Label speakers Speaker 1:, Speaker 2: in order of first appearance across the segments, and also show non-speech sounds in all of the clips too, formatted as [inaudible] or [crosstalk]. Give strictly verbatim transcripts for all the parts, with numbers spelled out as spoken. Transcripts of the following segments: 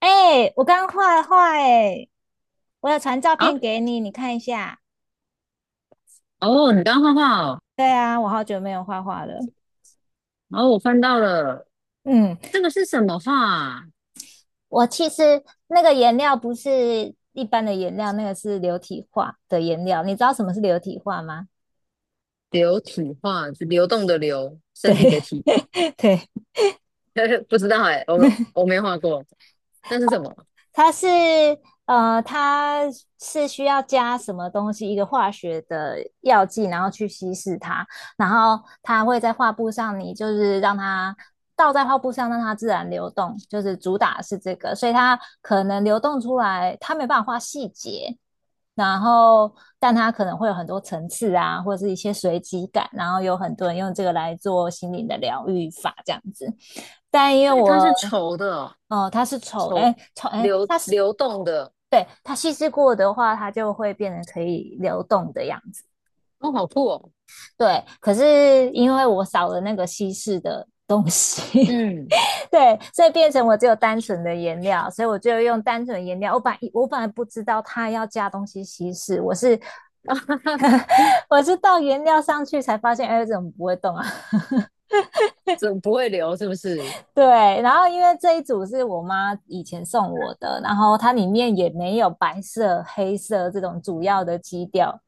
Speaker 1: 哎，我刚画画哎，我有传照
Speaker 2: 啊，
Speaker 1: 片给你，你看一下。
Speaker 2: 哦，你刚画画哦，
Speaker 1: 对啊，我好久没有画画了。
Speaker 2: 然后我翻到了，
Speaker 1: 嗯，
Speaker 2: 这个是什么画啊
Speaker 1: 我其实那个颜料不是一般的颜料，那个是流体画的颜料。你知道什么是流体画吗？
Speaker 2: 流体画，是流动的流，
Speaker 1: 对
Speaker 2: 身体的体，
Speaker 1: [laughs] 对，
Speaker 2: [laughs] 不知道哎，我我没画过，那是什么？
Speaker 1: 它是呃，它是需要加什么东西，一个化学的药剂，然后去稀释它，然后它会在画布上，你就是让它倒在画布上，让它自然流动，就是主打是这个，所以它可能流动出来，它没办法画细节，然后但它可能会有很多层次啊，或者是一些随机感，然后有很多人用这个来做心灵的疗愈法这样子，但因为
Speaker 2: 对，它
Speaker 1: 我
Speaker 2: 是稠的哦，
Speaker 1: 哦，它是丑，哎，
Speaker 2: 稠
Speaker 1: 丑，哎，
Speaker 2: 流
Speaker 1: 它是。
Speaker 2: 流动的，
Speaker 1: 对，它稀释过的话，它就会变成可以流动的样子。
Speaker 2: 哦，好酷哦，
Speaker 1: 对，可是因为我少了那个稀释的东西
Speaker 2: 嗯，
Speaker 1: [laughs]，对，所以变成我只有单纯的颜料，所以我就用单纯的颜料。我本来我本来不知道它要加东西稀释，我是 [laughs]
Speaker 2: [laughs] 哈
Speaker 1: 我是倒颜料上去才发现，哎，怎么不会动啊？
Speaker 2: 怎么不会流是不是？
Speaker 1: 对，然后因为这一组是我妈以前送我的，然后它里面也没有白色、黑色这种主要的基调，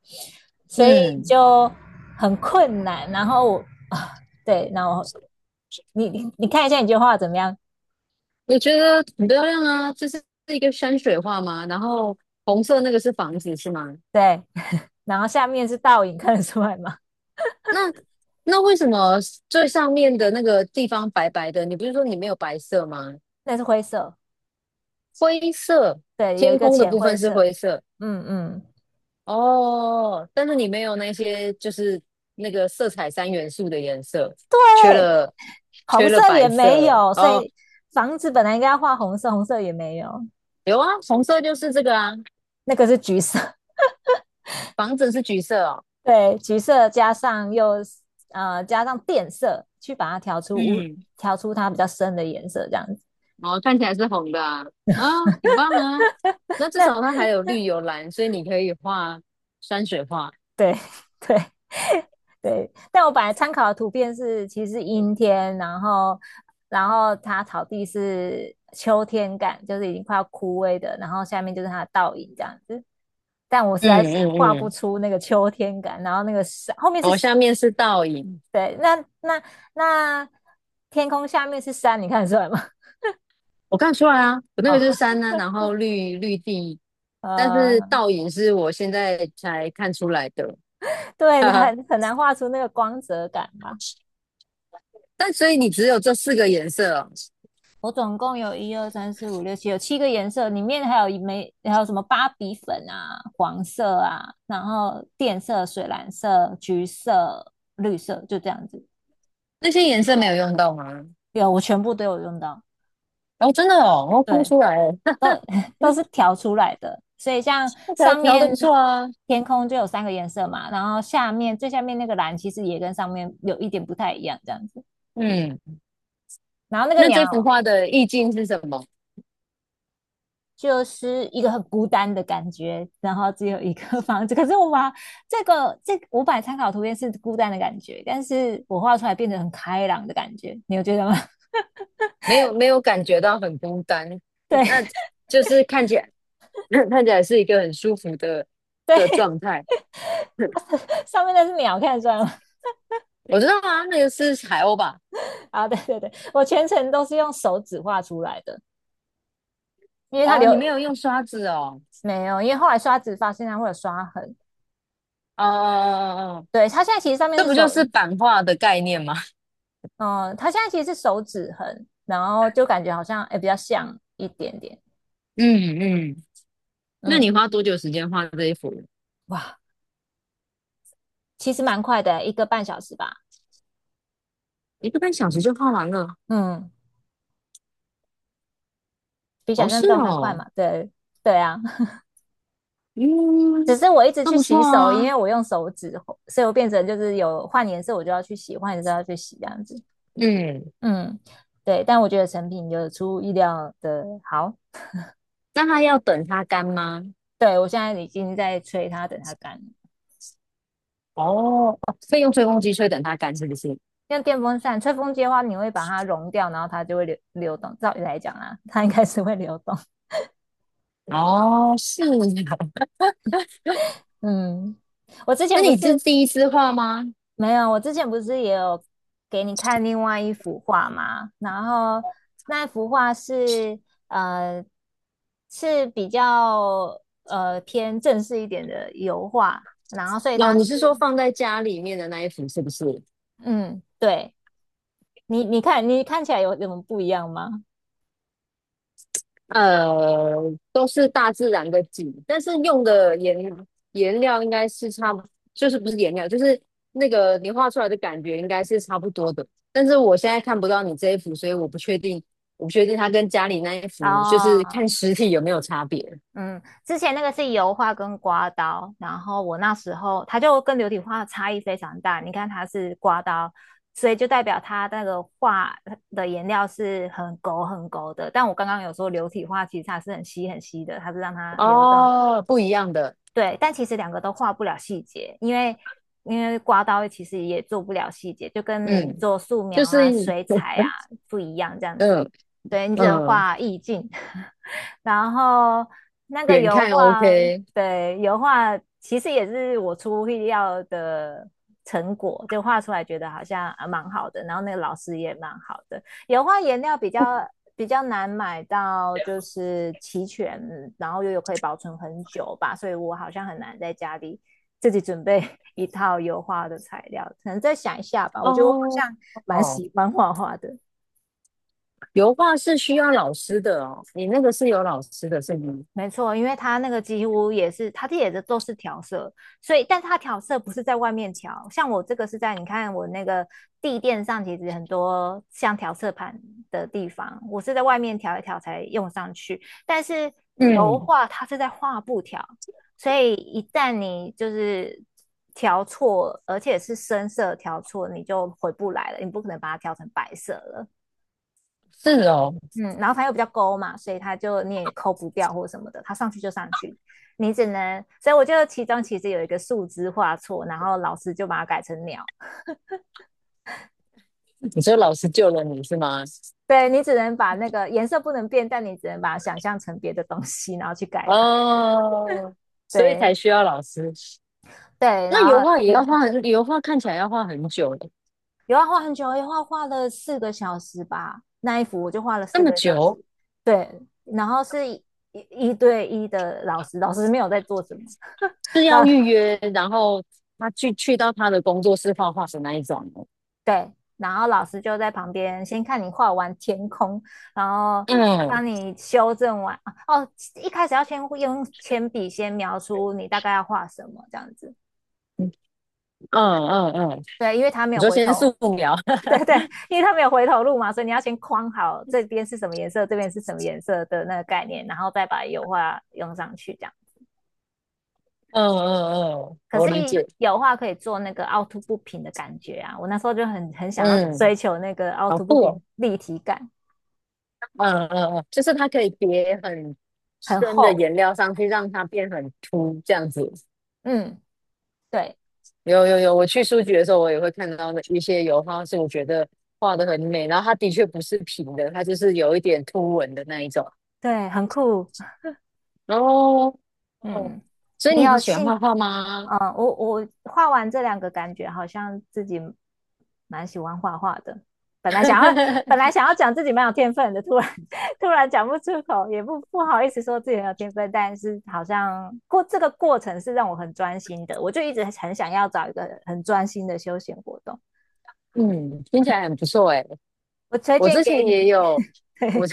Speaker 1: 所以
Speaker 2: 嗯，
Speaker 1: 就很困难。然后我啊，对，然后你你你看一下你这画怎么样？
Speaker 2: 我觉得很漂亮啊，这是一个山水画吗？然后红色那个是房子是吗？
Speaker 1: 对，然后下面是倒影，看得出来吗？
Speaker 2: 那那为什么最上面的那个地方白白的？你不是说你没有白色吗？
Speaker 1: 那是灰色，
Speaker 2: 灰色，
Speaker 1: 对，有一
Speaker 2: 天
Speaker 1: 个
Speaker 2: 空的
Speaker 1: 浅
Speaker 2: 部
Speaker 1: 灰
Speaker 2: 分是
Speaker 1: 色，
Speaker 2: 灰色
Speaker 1: 嗯嗯，
Speaker 2: 哦，但是你没有那些就是那个色彩三元素的颜色，缺
Speaker 1: 对，
Speaker 2: 了
Speaker 1: 红
Speaker 2: 缺
Speaker 1: 色
Speaker 2: 了
Speaker 1: 也
Speaker 2: 白
Speaker 1: 没
Speaker 2: 色
Speaker 1: 有，所
Speaker 2: 哦。
Speaker 1: 以房子本来应该要画红色，红色也没有，
Speaker 2: 有啊，红色就是这个啊，
Speaker 1: 那个是橘色。
Speaker 2: 房子是橘色哦，
Speaker 1: 对，橘色加上又呃加上靛色，去把它调出无
Speaker 2: 嗯，
Speaker 1: 调出它比较深的颜色，这样子。
Speaker 2: 哦，看起来是红的啊，啊，很棒啊。那至
Speaker 1: 那
Speaker 2: 少它还有绿有蓝，所以你可以画山水画。
Speaker 1: 对 [laughs] 对对，但我本来参考的图片是其实阴天，然后然后它草地是秋天感，就是已经快要枯萎的，然后下面就是它的倒影这样子。但我实在是
Speaker 2: 嗯
Speaker 1: 画
Speaker 2: 嗯
Speaker 1: 不
Speaker 2: 嗯。
Speaker 1: 出那个秋天感，然后那个山后面是
Speaker 2: 我下面是倒影，
Speaker 1: 对，那那那天空下面是山，你看得出来吗？
Speaker 2: 我看得出来啊，我那
Speaker 1: [laughs]
Speaker 2: 个就是
Speaker 1: 好，
Speaker 2: 山呢、然后绿绿地，但是
Speaker 1: 呃，
Speaker 2: 倒影是我现在才看出来的，[laughs]
Speaker 1: 对，
Speaker 2: 哈哈。
Speaker 1: 很很难画出那个光泽感嘛。
Speaker 2: 但所以你只有这四个颜色哦，
Speaker 1: 我总共有一二三四五六七，有七个颜色，里面还有一枚，还有什么芭比粉啊、黄色啊，然后电色、水蓝色、橘色、绿色，就这样子。
Speaker 2: 那些颜色没有用到吗？
Speaker 1: 有，我全部都有用到，
Speaker 2: 哦，真的哦，我看不
Speaker 1: 对，
Speaker 2: 出来耶，
Speaker 1: 都
Speaker 2: [laughs]
Speaker 1: 是调出来的。所以像
Speaker 2: 那条
Speaker 1: 上
Speaker 2: 调的
Speaker 1: 面
Speaker 2: 不错啊。
Speaker 1: 天空就有三个颜色嘛，然后下面最下面那个蓝其实也跟上面有一点不太一样，这样子。
Speaker 2: 嗯，
Speaker 1: 然后那个
Speaker 2: 那
Speaker 1: 鸟
Speaker 2: 这幅画的意境是什么？
Speaker 1: 就是一个很孤单的感觉，然后只有一个 [laughs] 房子。可是我把这个这五百参考图片是孤单的感觉，但是我画出来变得很开朗的感觉，你有觉得吗？
Speaker 2: 没有没有感觉到很孤单，
Speaker 1: [laughs] 对，
Speaker 2: 那就是看起来 [laughs] [clears throat] 看起来是一个很舒服的的状态。
Speaker 1: 上面那是鸟，看得出来吗？
Speaker 2: 我知道啊，那个是海鸥吧？
Speaker 1: [laughs] 啊，对对对，我全程都是用手指画出来的，因为它
Speaker 2: 哦，
Speaker 1: 留
Speaker 2: 你没有用刷子哦，
Speaker 1: 没有，因为后来刷子发现它会有刷痕。
Speaker 2: 哦哦哦哦，
Speaker 1: 对，它现在其实上面
Speaker 2: 这
Speaker 1: 是
Speaker 2: 不就
Speaker 1: 手，
Speaker 2: 是版画的概念吗？
Speaker 1: 嗯，它现在其实是手指痕，然后就感觉好像哎诶比较像一点点。
Speaker 2: 嗯嗯，那你
Speaker 1: 嗯，
Speaker 2: 花多久时间画这一幅？
Speaker 1: 哇，其实蛮快的，一个半小时吧。
Speaker 2: 一个半小时就画完了？
Speaker 1: 嗯。比想
Speaker 2: 哦，
Speaker 1: 象
Speaker 2: 是
Speaker 1: 中还快
Speaker 2: 哦，
Speaker 1: 嘛。对对啊，[laughs]
Speaker 2: 嗯，
Speaker 1: 只是我一直
Speaker 2: 那
Speaker 1: 去
Speaker 2: 不错
Speaker 1: 洗手，因
Speaker 2: 啊，
Speaker 1: 为我用手指，所以我变成就是有换颜色我就要去洗，换颜色要去洗这样子。
Speaker 2: 嗯，
Speaker 1: 嗯，对，但我觉得成品有出乎意料的好。
Speaker 2: 那它要等它干吗？
Speaker 1: 对我现在已经在吹它，等它干了。
Speaker 2: 哦，哦所以用吹风机吹等它干是不是？
Speaker 1: 像电风扇吹风机的话，你会把它融掉，然后它就会流流动。照理来讲啊，它应该是会流动。
Speaker 2: 哦，是啊，
Speaker 1: 嗯，我之
Speaker 2: [laughs] 那
Speaker 1: 前不
Speaker 2: 你是
Speaker 1: 是
Speaker 2: 第一次画吗？
Speaker 1: 没有，我之前不是也有给你看另外一幅画吗？然后那幅画是呃是比较呃偏正式一点的油画，然后所以
Speaker 2: 哦，
Speaker 1: 它
Speaker 2: 你
Speaker 1: 是
Speaker 2: 是说放在家里面的那一幅是不是？
Speaker 1: 嗯，对你你看你看起来有什么不一样吗？
Speaker 2: 呃，都是大自然的景，但是用的颜颜料应该是差不，就是不是颜料，就是那个你画出来的感觉应该是差不多的。但是我现在看不到你这一幅，所以我不确定，我不确定它跟家里那一幅，就是看
Speaker 1: 哦，
Speaker 2: 实体有没有差别。
Speaker 1: 嗯，之前那个是油画跟刮刀，然后我那时候它就跟流体画差异非常大。你看它是刮刀，所以就代表它那个画的颜料是很勾很勾的。但我刚刚有说流体画其实它是很稀很稀的，它是让它流动
Speaker 2: 哦，不一样的，
Speaker 1: 对，但其实两个都画不了细节，因为因为刮刀其实也做不了细节，就跟你
Speaker 2: 嗯，
Speaker 1: 做素
Speaker 2: 就
Speaker 1: 描
Speaker 2: 是
Speaker 1: 啊、水彩啊
Speaker 2: [laughs]
Speaker 1: 不一样这样子。
Speaker 2: 嗯
Speaker 1: 对，你只能
Speaker 2: 嗯，
Speaker 1: 画意境，[laughs] 然后那个
Speaker 2: 远
Speaker 1: 油
Speaker 2: 看
Speaker 1: 画，
Speaker 2: OK。
Speaker 1: 对，油画其实也是我出乎意料的成果，就画出来觉得好像啊蛮好的，然后那个老师也蛮好的。油画颜料比较比较难买到，就是齐全，然后又有可以保存很久吧，所以我好像很难在家里自己准备一套油画的材料，可能再想一下吧。我觉得我好
Speaker 2: 哦
Speaker 1: 像蛮
Speaker 2: 哦，
Speaker 1: 喜欢画画的，
Speaker 2: 油画是需要老师的哦，你那个是有老师的，是吗？
Speaker 1: 没错，因为它那个几乎也是，它这也是都是调色，所以，但是它调色不是在外面调，像我这个是在你看我那个地垫上，其实很多像调色盘的地方，我是在外面调一调才用上去，但是油
Speaker 2: 嗯
Speaker 1: 画它是在画布调，所以一旦你就是调错，而且是深色调错，你就回不来了，你不可能把它调成白色了。
Speaker 2: 是哦，
Speaker 1: 嗯，然后它又比较勾嘛，所以它就你也抠不掉或什么的，它上去就上去，你只能，所以我觉得其中其实有一个树枝画错，然后老师就把它改成鸟。
Speaker 2: 你说老师救了你是吗？
Speaker 1: 对你只能把那个颜色不能变，但你只能把它想象成别的东西，然后去改它。
Speaker 2: 哦，所以
Speaker 1: 对
Speaker 2: 才需要老师。
Speaker 1: 对，
Speaker 2: 那
Speaker 1: 然后
Speaker 2: 油画也要
Speaker 1: 嗯，
Speaker 2: 画很，油画看起来要画很久的，
Speaker 1: 有啊，画很久，画画了四个小时吧，那一幅我就画了
Speaker 2: 这
Speaker 1: 四
Speaker 2: 么
Speaker 1: 个小
Speaker 2: 久
Speaker 1: 时。对，然后是一一一对一的老师，老师没有在做什么，
Speaker 2: 是要预约，然后他去去到他的工作室画画的那一种吗。
Speaker 1: 对，然后老师就在旁边先看你画完天空，然后帮
Speaker 2: 嗯
Speaker 1: 你修正完。哦，一开始要先用铅笔先描出你大概要画什么这样子。
Speaker 2: 嗯嗯嗯，
Speaker 1: 对，因为他没
Speaker 2: 你
Speaker 1: 有
Speaker 2: 说
Speaker 1: 回
Speaker 2: 先
Speaker 1: 头，
Speaker 2: 素描，[laughs]
Speaker 1: 因为他没有回头路嘛，所以你要先框好这边是什么颜色，这边是什么颜色的那个概念，然后再把油画用上去这样。
Speaker 2: 嗯嗯嗯，
Speaker 1: 可
Speaker 2: 我
Speaker 1: 是
Speaker 2: 理解，
Speaker 1: 油画可以做那个凹凸不平的感觉啊，我那时候就很很想要追
Speaker 2: 嗯，
Speaker 1: 求那个凹
Speaker 2: 好
Speaker 1: 凸不
Speaker 2: 酷
Speaker 1: 平
Speaker 2: 哦，
Speaker 1: 立体感，
Speaker 2: 嗯嗯嗯，就是它可以叠很
Speaker 1: 很
Speaker 2: 深的
Speaker 1: 厚。
Speaker 2: 颜料上去，让它变很凸这样子。
Speaker 1: 嗯，对。
Speaker 2: 有有有，我去书局的时候，我也会看到那一些油画，是我觉得画的很美，然后它的确不是平的，它就是有一点凸纹的那一种。
Speaker 1: 对，很酷。
Speaker 2: 哦哦，
Speaker 1: 嗯，
Speaker 2: 所以
Speaker 1: 你
Speaker 2: 你
Speaker 1: 有
Speaker 2: 很喜欢
Speaker 1: 兴，
Speaker 2: 画画吗？
Speaker 1: 嗯，我我画完这两个，感觉好像自己蛮喜欢画画的。本来想要，本来
Speaker 2: [laughs]
Speaker 1: 想要讲自己蛮有天分的，突然 [laughs] 突然讲不出口，也不不好意思说自己很有天分，但是好像过这个过程是让我很专心的，我就一直很想要找一个很专心的休闲活动。
Speaker 2: 嗯，听起来很不错哎。
Speaker 1: 我推
Speaker 2: 我
Speaker 1: 荐
Speaker 2: 之
Speaker 1: 给
Speaker 2: 前
Speaker 1: 你，
Speaker 2: 也有，我。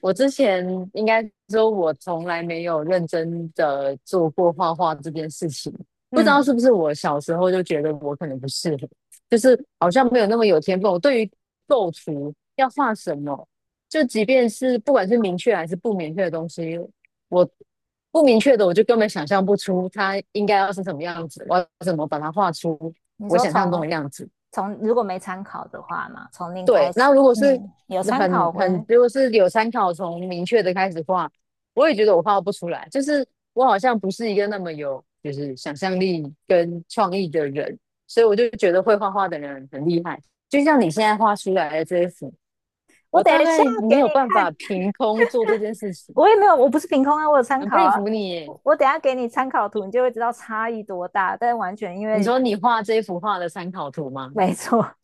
Speaker 2: 我之前应该说，我从来没有认真的做过画画这件事情。不知道
Speaker 1: 嗯，
Speaker 2: 是不是我小时候就觉得我可能不适合，就是好像没有那么有天分。我对于构图要画什么，就即便是不管是明确还是不明确的东西，我不明确的我就根本想象不出它应该要是什么样子，我要怎么把它画出
Speaker 1: 你
Speaker 2: 我
Speaker 1: 说
Speaker 2: 想象中
Speaker 1: 从
Speaker 2: 的样子。
Speaker 1: 从如果没参考的话嘛，从零
Speaker 2: 对，
Speaker 1: 开
Speaker 2: 那
Speaker 1: 始，
Speaker 2: 如果是
Speaker 1: 嗯，有参
Speaker 2: 很
Speaker 1: 考过
Speaker 2: 很，
Speaker 1: 的
Speaker 2: 如果是有参考从明确的开始画，我也觉得我画不出来，就是我好像不是一个那么有就是想象力跟创意的人，所以我就觉得会画画的人很厉害。就像你现在画出来的这一幅，
Speaker 1: 我
Speaker 2: 我
Speaker 1: 等
Speaker 2: 大
Speaker 1: 一下
Speaker 2: 概
Speaker 1: 给
Speaker 2: 没有
Speaker 1: 你
Speaker 2: 办
Speaker 1: 看，
Speaker 2: 法凭空做这件事情，
Speaker 1: 我也没有，我不是凭空啊，我有参
Speaker 2: 很
Speaker 1: 考
Speaker 2: 佩
Speaker 1: 啊。
Speaker 2: 服你耶
Speaker 1: 我我等一下给你参考图，你就会知道差异多大。但完全因
Speaker 2: 你
Speaker 1: 为
Speaker 2: 说你画这一幅画的参考图吗？
Speaker 1: 没错，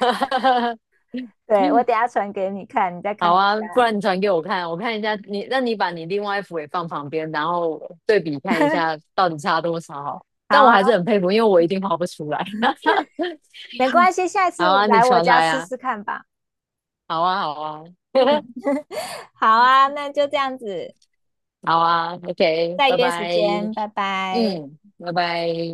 Speaker 2: [laughs]
Speaker 1: [laughs] 对，我
Speaker 2: 嗯
Speaker 1: 等一下传给你看，你再
Speaker 2: 好
Speaker 1: 看一
Speaker 2: 啊，不
Speaker 1: 下。
Speaker 2: 然你传给我看，我看一下你，那你把你另外一幅也放旁边，然后对比看一下到底差多少。
Speaker 1: 好
Speaker 2: 但我
Speaker 1: 啊，
Speaker 2: 还是很佩服，因为我一定画不出来。[laughs]
Speaker 1: 没关系，下一次
Speaker 2: 好
Speaker 1: 我
Speaker 2: 啊，你
Speaker 1: 来我
Speaker 2: 传
Speaker 1: 家
Speaker 2: 来
Speaker 1: 试
Speaker 2: 啊，
Speaker 1: 试看吧。
Speaker 2: 好啊，好啊，
Speaker 1: 嗯，
Speaker 2: [laughs]
Speaker 1: [laughs] 好啊，那就这样子，
Speaker 2: 好啊，OK，
Speaker 1: 再
Speaker 2: 拜
Speaker 1: 约时
Speaker 2: 拜，
Speaker 1: 间，拜拜。
Speaker 2: 嗯，拜拜。